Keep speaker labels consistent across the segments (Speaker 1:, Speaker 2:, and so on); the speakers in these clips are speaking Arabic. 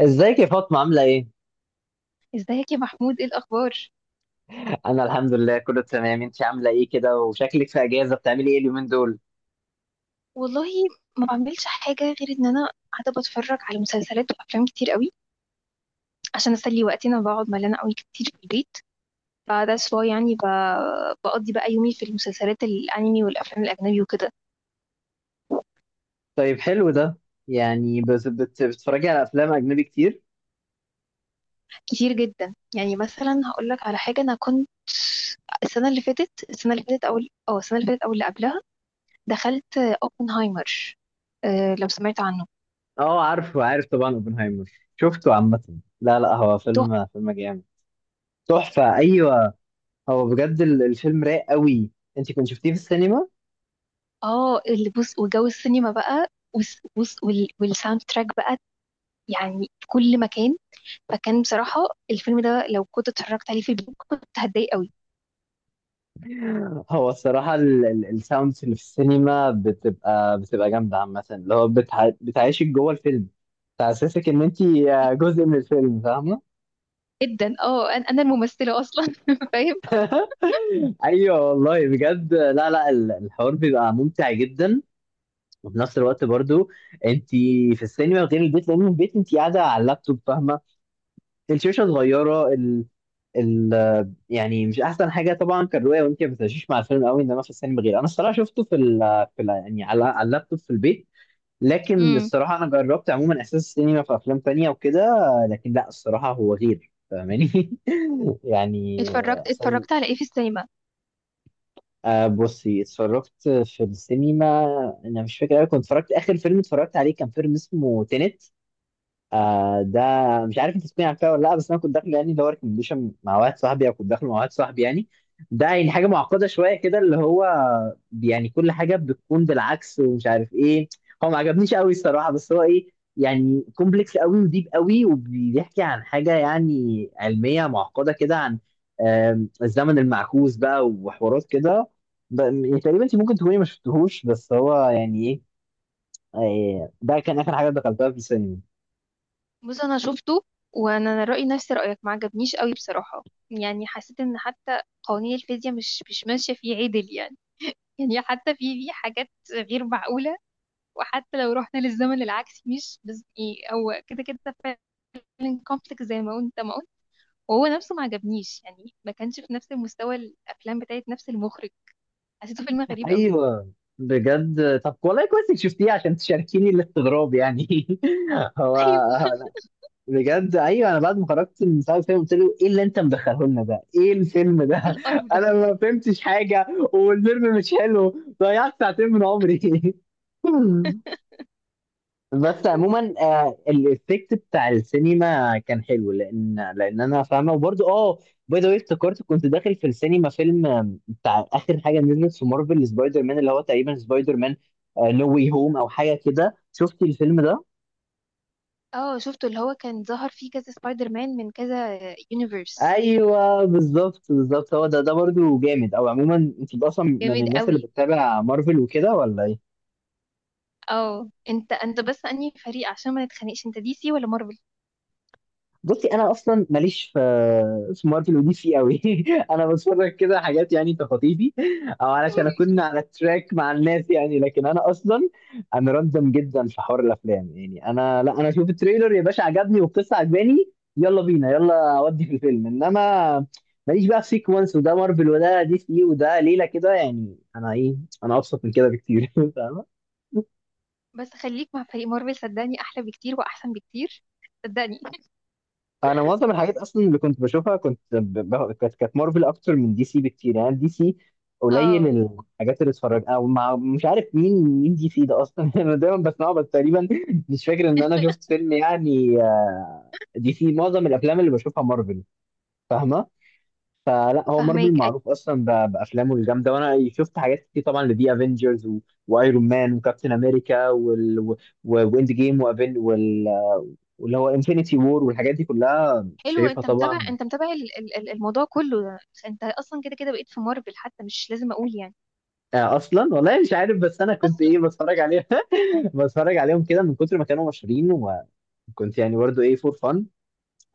Speaker 1: ازيك يا فاطمة، عاملة ايه؟
Speaker 2: ازيك يا محمود ايه الاخبار؟
Speaker 1: أنا الحمد لله كله تمام. انت عاملة ايه كده وشكلك في أجازة، بتعملي ايه اليومين دول؟
Speaker 2: والله ما بعملش حاجه غير ان انا قاعده بتفرج على مسلسلات وافلام كتير قوي عشان اسلي وقتي. انا بقعد ملانه قوي كتير في البيت، فده واي يعني بقضي بقى يومي في المسلسلات الانمي والافلام الاجنبي وكده.
Speaker 1: طيب حلو ده. يعني بتتفرجي على أفلام أجنبي كتير؟
Speaker 2: كتير جدا. يعني مثلا هقول لك على حاجه، انا كنت السنه اللي فاتت او اللي قبلها دخلت اوبنهايمر. أه، لو سمعت عنه.
Speaker 1: اه، عارف طبعا اوبنهايمر. شفته عامة، لا لا، هو
Speaker 2: تحفة.
Speaker 1: فيلم جامد. تحفة، أيوه. هو بجد الفيلم رايق قوي. انت كنت شفتيه في السينما؟
Speaker 2: اه، اللي بص وجو السينما بقى، والساوند تراك بقى يعني في كل مكان، فكان بصراحة الفيلم ده لو كنت اتفرجت عليه في البيت كنت هتضايق قوي.
Speaker 1: هو الصراحة الساوندز اللي في السينما بتبقى جامدة عامة، اللي هو بتعيشك جوه الفيلم، بتحسسك إن انت جزء من الفيلم، فاهمة؟
Speaker 2: جدا. اه، انا الممثلة اصلا فاهم.
Speaker 1: ايوه والله، بجد، لا لا، الحوار بيبقى ممتع جدا. وفي نفس الوقت برضو انت في السينما غير البيت، لان البيت انت قاعده على اللابتوب، فاهمه، الشاشه صغيره، ال ال يعني مش احسن حاجه طبعا كالرؤيه، وانت ما بتعيشيش مع الفيلم قوي، انما في السينما غير. انا الصراحه شفته في ال في ال يعني على اللابتوب في البيت، لكن
Speaker 2: امم
Speaker 1: الصراحه انا جربت عموما احساس السينما في افلام تانية وكده، لكن لا، الصراحه هو غير، فاهماني؟ يعني
Speaker 2: اتفرجت
Speaker 1: احساس.
Speaker 2: على ايه في السينما؟
Speaker 1: بصي، اتفرجت في السينما، انا مش فاكر أوي، كنت اتفرجت اخر فيلم اتفرجت عليه كان فيلم اسمه تينت. ده مش عارف انت تسمعي فيها ولا لا، بس انا كنت داخل يعني اللي هو ريكومنديشن مع واحد صاحبي، او كنت داخل مع واحد صاحبي يعني. ده يعني حاجه معقده شويه كده، اللي هو يعني كل حاجه بتكون بالعكس ومش عارف ايه. هو ما عجبنيش قوي الصراحه، بس هو ايه، يعني كومبلكس قوي وديب قوي، وبيحكي عن حاجه يعني علميه معقده كده، عن الزمن المعكوس بقى وحوارات كده. يعني تقريبا انت ممكن تكوني ما شفتهوش، بس هو يعني ايه. ده كان اخر حاجه دخلتها في السينما.
Speaker 2: بص، انا شفته وانا رأيي نفس رأيك، ما عجبنيش قوي بصراحة. يعني حسيت ان حتى قوانين الفيزياء مش ماشية فيه عدل يعني. يعني حتى في حاجات غير معقولة، وحتى لو رحنا للزمن العكسي مش بس ايه، هو كده كده فعلا كومبلكس زي ما انت ما. وهو نفسه ما عجبنيش، يعني ما كانش في نفس المستوى الافلام بتاعت نفس المخرج. حسيته فيلم غريب قوي.
Speaker 1: ايوه بجد، طب والله كويس انك شفتيه عشان تشاركيني الاستغراب يعني. هو
Speaker 2: ايوه،
Speaker 1: بجد، ايوه، انا بعد ما خرجت من ساعه الفيلم قلت له ايه اللي انت مدخله لنا ده؟ ايه الفيلم ده؟
Speaker 2: ايه القرف ده.
Speaker 1: انا ما فهمتش حاجه، والفيلم مش حلو، ضيعت ساعتين من عمري. بس عموما الافكت بتاع السينما كان حلو، لان انا فاهمه، وبرده اه. باي ذا واي، افتكرت كنت داخل في السينما فيلم، بتاع اخر حاجه نزلت في مارفل سبايدر مان، اللي هو تقريبا سبايدر مان نو واي هوم او حاجه كده، شفتي الفيلم ده؟
Speaker 2: اه شفته، اللي هو كان ظهر فيه كذا سبايدر مان من كذا يونيفرس.
Speaker 1: ايوه بالظبط بالظبط، هو ده برده جامد. او عموما انت اصلا من
Speaker 2: جامد
Speaker 1: الناس اللي
Speaker 2: قوي.
Speaker 1: بتتابع مارفل وكده ولا ايه؟
Speaker 2: اه، انت بس انهي فريق عشان ما نتخانقش، انت دي سي ولا مارفل؟
Speaker 1: بصي، انا اصلا ماليش في مارفل ودي سي قوي، انا بتفرج كده حاجات يعني تخطيفي، او علشان اكون على التراك مع الناس يعني. لكن انا اصلا، انا راندم جدا في حوار الافلام، يعني انا لا، انا اشوف التريلر يا باشا عجبني والقصه عجباني، يلا بينا يلا اودي في الفيلم. انما ماليش بقى في سيكونس وده مارفل وده دي سي وده ليله كده، يعني انا ايه، انا ابسط من كده بكتير. فاهمه،
Speaker 2: بس خليك مع فريق مارفل، صدقني احلى بكتير واحسن بكتير. صدقني.
Speaker 1: انا معظم الحاجات اصلا اللي كنت بشوفها كنت كانت مارفل اكتر من دي سي بكتير. يعني دي سي قليل
Speaker 2: اه،
Speaker 1: الحاجات اللي اتفرج، او مع مش عارف مين مين دي سي ده اصلا، انا دايما بسمعه بس، تقريبا مش فاكر ان انا شفت فيلم يعني دي سي، معظم الافلام اللي بشوفها مارفل، فاهمه. فلا، هو مارفل
Speaker 2: فهماك
Speaker 1: معروف اصلا بافلامه الجامده، وانا شفت حاجات كتير طبعا لدي افنجرز وايرون مان وكابتن امريكا واند جيم واللي هو انفينيتي وور، والحاجات دي كلها
Speaker 2: حلو.
Speaker 1: شايفها
Speaker 2: انت متابع،
Speaker 1: طبعا.
Speaker 2: انت متابع الموضوع كله. انت اصلا كده كده بقيت في مارفل، حتى مش لازم اقول يعني.
Speaker 1: اصلا والله مش عارف بس انا كنت
Speaker 2: اصلا
Speaker 1: ايه، بتفرج عليهم. بتفرج عليهم كده من كتر ما كانوا مشهورين، وكنت يعني برضه ايه فور فن.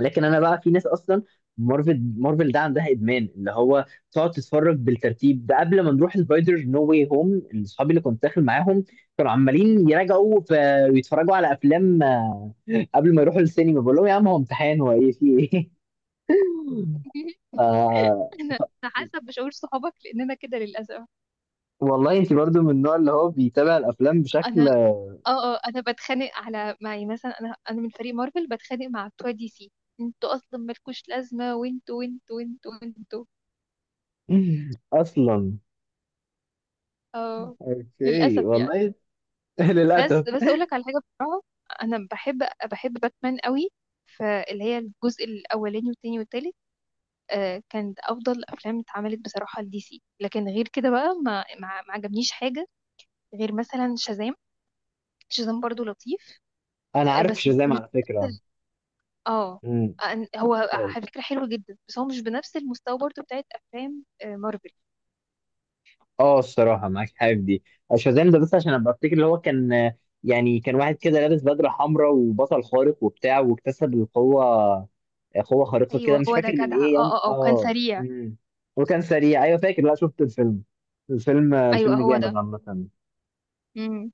Speaker 1: لكن انا بقى في ناس اصلا مارفل مارفل ده عندها ادمان، اللي هو تقعد تتفرج بالترتيب ده. قبل ما نروح سبايدر نو واي هوم، اصحابي اللي كنت داخل معاهم كانوا عمالين يراجعوا ويتفرجوا على افلام قبل ما يروحوا السينما، بقول لهم يا عم هو امتحان، هو ايه في ايه؟ آه،
Speaker 2: انا أنا حاسه بشعور صحابك لاننا كده للاسف.
Speaker 1: والله انت برضو من النوع اللي هو بيتابع الافلام
Speaker 2: انا
Speaker 1: بشكل.
Speaker 2: اه اه انا بتخانق على معي. مثلا انا من فريق مارفل بتخانق مع بتوع دي سي: انتوا اصلا مالكوش لازمه، وانتوا وانتوا وانتوا وانتوا.
Speaker 1: اصلا،
Speaker 2: اه،
Speaker 1: اوكي
Speaker 2: للاسف يعني.
Speaker 1: والله.
Speaker 2: بس
Speaker 1: للاسف.
Speaker 2: بس اقول لك على حاجه بصراحه، انا بحب بحب باتمان قوي. فاللي هي الجزء الاولاني والتاني والتالت آه، كانت افضل افلام اتعملت بصراحه لدي سي. لكن غير كده بقى ما عجبنيش حاجه، غير مثلا شازام. شازام برضو لطيف.
Speaker 1: انا
Speaker 2: آه،
Speaker 1: عارف
Speaker 2: بس
Speaker 1: شازام
Speaker 2: مش،
Speaker 1: على فكره.
Speaker 2: اه،
Speaker 1: امم
Speaker 2: هو
Speaker 1: شاز-
Speaker 2: على فكرة حلو جدا، بس هو مش بنفس المستوى برضو بتاعت افلام آه، مارفل.
Speaker 1: اه الصراحه معاك حاجه في دي. شازام ده بس عشان ابقى افتكر، اللي هو كان يعني كان واحد كده لابس بدله حمراء وبطل خارق وبتاع، واكتسب القوه، قوه خارقه كده،
Speaker 2: ايوه
Speaker 1: مش
Speaker 2: هو ده
Speaker 1: فاكر من
Speaker 2: جدع، اه
Speaker 1: ايه يعني،
Speaker 2: اه اه، وكان
Speaker 1: اه.
Speaker 2: سريع.
Speaker 1: امم وكان سريع، ايوه فاكر، لا شفت الفيلم
Speaker 2: ايوه
Speaker 1: الفيلم
Speaker 2: هو
Speaker 1: جامد
Speaker 2: ده.
Speaker 1: عامه.
Speaker 2: امم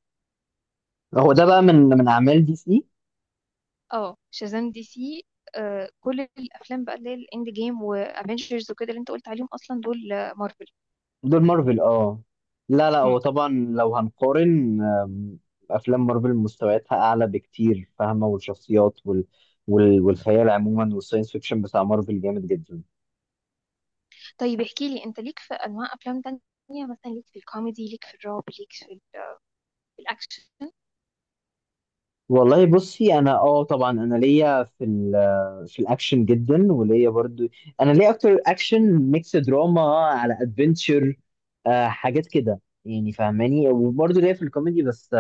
Speaker 1: هو ده بقى من اعمال دي سي.
Speaker 2: اه، شازام دي سي. آه، كل الافلام بقى اللي هي الاند جيم وافنجرز وكده اللي انت قلت عليهم اصلا دول آه، مارفل.
Speaker 1: دول مارفل، اه. لا لا، هو
Speaker 2: أمم.
Speaker 1: طبعا لو هنقارن، افلام مارفل مستوياتها اعلى بكتير، فاهمه، والشخصيات والخيال عموما، والساينس فيكشن بتاع مارفل جامد جدا.
Speaker 2: طيب احكي لي، انت ليك في انواع افلام تانية؟ مثلا ليك في الكوميدي، ليك في الرعب، ليك في في الاكشن؟
Speaker 1: والله بصي، انا طبعا انا ليا في الاكشن جدا، وليا برضو، انا ليا اكتر اكشن ميكس دراما على ادفنتشر، حاجات كده يعني، فاهماني. وبرضو ليا في الكوميدي، بس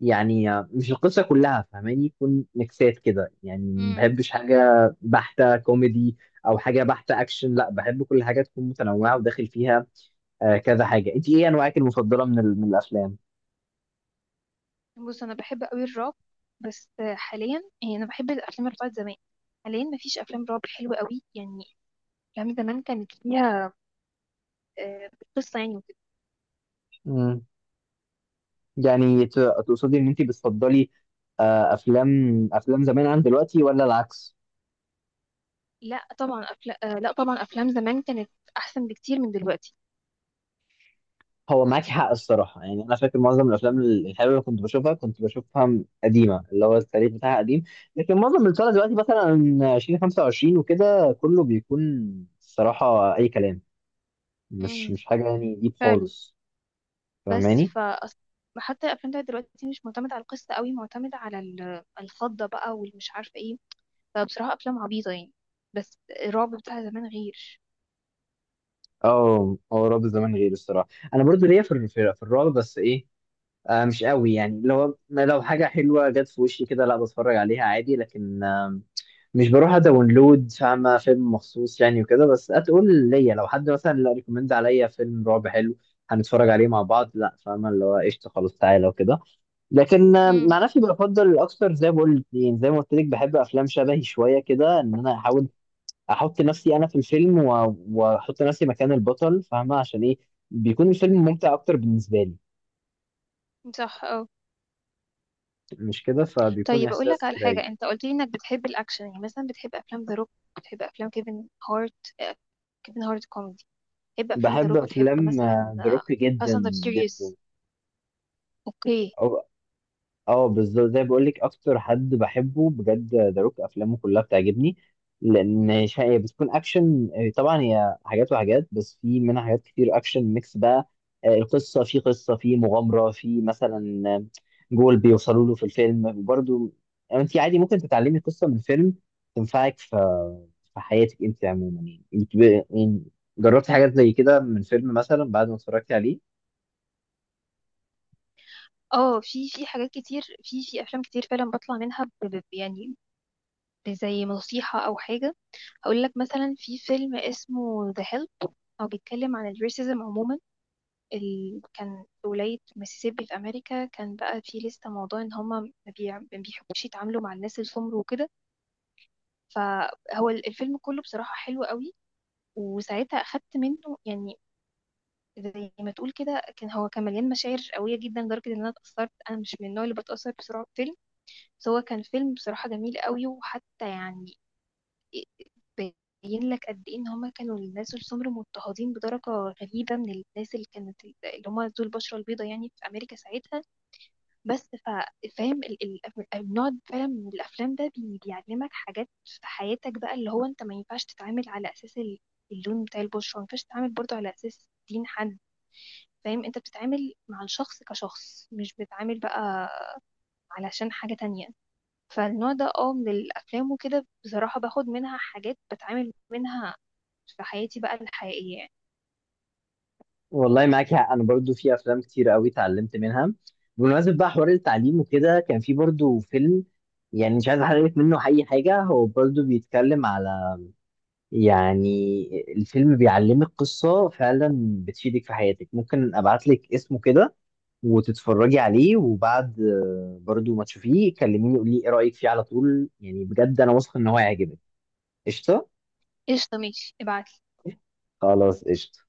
Speaker 1: يعني مش القصة كلها، فاهماني، يكون ميكسات كده، يعني ما
Speaker 2: أمم.
Speaker 1: بحبش حاجة بحتة كوميدي، أو حاجة بحتة أكشن، لا، بحب كل حاجة تكون متنوعة وداخل فيها كذا حاجة. أنت إيه أنواعك المفضلة من الأفلام؟
Speaker 2: بص، انا بحب قوي الرعب، بس حاليا يعني انا بحب الافلام اللي بتاعت زمان. حاليا مفيش افلام رعب حلوه قوي يعني. افلام زمان كانت فيها آه، قصه يعني وكده.
Speaker 1: مم. يعني تقصدي إن أنت بتفضلي أفلام زمان عن دلوقتي، ولا العكس؟
Speaker 2: لا طبعا أفلا... آه، لا طبعا افلام زمان كانت احسن بكتير من دلوقتي.
Speaker 1: هو معاك حق الصراحة، يعني أنا فاكر معظم الأفلام الحلوة اللي كنت بشوفها قديمة، اللي هو التاريخ بتاعها قديم، لكن معظم اللي طالع دلوقتي مثلا 2025 وكده كله بيكون الصراحة أي كلام، مش
Speaker 2: مم.
Speaker 1: مش حاجة يعني ديب
Speaker 2: فعلا.
Speaker 1: خالص،
Speaker 2: بس
Speaker 1: فاهماني؟
Speaker 2: ف، حتى الافلام بتاعت دلوقتي مش معتمده على القصه قوي، معتمده على الخضه بقى والمش عارفه ايه. فبصراحه افلام عبيطه يعني. بس الرعب بتاع زمان غير.
Speaker 1: اه، هو رعب زمان غير الصراحة، أنا برضو ليا في ال- في في الرعب، بس إيه، مش قوي يعني، لو حاجة حلوة جت في وشي كده لا، بتفرج عليها عادي، لكن مش بروح اداونلود فاهمة فيلم مخصوص يعني وكده. بس هتقول ليا لو حد مثلا لا، ريكومند عليا فيلم رعب حلو هنتفرج عليه مع بعض، لا، فاهمة اللي هو قشطة خلاص تعالى وكده. لكن
Speaker 2: مم.
Speaker 1: مع نفسي بفضل اكتر زي ما قلت لك بحب افلام شبهي شوية كده، ان انا احاول احط نفسي انا في الفيلم، واحط نفسي مكان البطل، فاهمة عشان ايه، بيكون الفيلم ممتع اكتر بالنسبة لي،
Speaker 2: صح.
Speaker 1: مش كده، فبيكون
Speaker 2: طيب اقول لك
Speaker 1: احساس
Speaker 2: على
Speaker 1: رايق.
Speaker 2: حاجه، انت قلت لي انك بتحب الاكشن، يعني مثلا بتحب افلام ذا روك، بتحب افلام كيفن هارت آه، كيفن هارت كوميدي، بتحب افلام ذا
Speaker 1: بحب
Speaker 2: روك، بتحب
Speaker 1: افلام
Speaker 2: مثلا
Speaker 1: ذا روك جدا،
Speaker 2: فاست اند
Speaker 1: جدا،
Speaker 2: فيوريوس؟ اوكي.
Speaker 1: اه بالظبط، زي بقول لك اكتر حد بحبه بجد ذا روك، افلامه كلها بتعجبني، لان هي بتكون اكشن، طبعا هي حاجات وحاجات، بس في منها حاجات كتير اكشن ميكس بقى، القصه، في قصه، في مغامره، في مثلا جول بيوصلوا له في الفيلم، وبرده انت عادي ممكن تتعلمي قصه من فيلم تنفعك في في حياتك، انت عموما يعني. انت يعني جربتي حاجات زي كده من فيلم مثلا بعد ما اتفرجتي عليه؟
Speaker 2: اه، في حاجات كتير، في افلام كتير فعلا بطلع منها يعني زي نصيحه او حاجه. اقول لك مثلا في فيلم اسمه ذا هيلب، هو بيتكلم عن الريسيزم عموما. كان في ولاية ميسيسيبي في أمريكا، كان بقى في لسه موضوع إن هما ما بيحبوش يتعاملوا مع الناس السمر وكده. فهو الفيلم كله بصراحة حلو قوي، وساعتها أخدت منه يعني زي ما تقول كده. كان هو كان مليان مشاعر قوية جدا لدرجة إن أنا اتأثرت. أنا مش من النوع اللي بتأثر بسرعة بفيلم، بس هو كان فيلم بصراحة جميل قوي. وحتى يعني بين لك قد إيه إن هما كانوا الناس السمر مضطهدين بدرجة غريبة من الناس اللي كانت اللي هما ذو البشرة البيضاء يعني في أمريكا ساعتها. بس فاهم النوع فعلا من الافلام ده بيعلمك حاجات في حياتك بقى، اللي هو انت ما ينفعش تتعامل على اساس اللون بتاع البشره، ما ينفعش تتعامل برضه على اساس دين حد. فاهم، انت بتتعامل مع الشخص كشخص، مش بتتعامل بقى علشان حاجة تانية. فالنوع ده اه من الافلام وكده بصراحة باخد منها حاجات بتعامل منها في حياتي بقى الحقيقية يعني.
Speaker 1: والله معاك حق، انا برضو في افلام كتير قوي اتعلمت منها. بمناسبه بقى حوار التعليم وكده، كان في برضو فيلم، يعني مش عايز احرق لك منه اي حاجه، هو برضو بيتكلم على، يعني الفيلم بيعلمك قصه فعلا بتفيدك في حياتك. ممكن ابعت لك اسمه كده وتتفرجي عليه، وبعد برضو ما تشوفيه كلميني قولي ايه رايك فيه على طول، يعني بجد انا واثق ان هو هيعجبك. قشطه.
Speaker 2: قشطة ماشي ابعتلي.
Speaker 1: خلاص قشطه.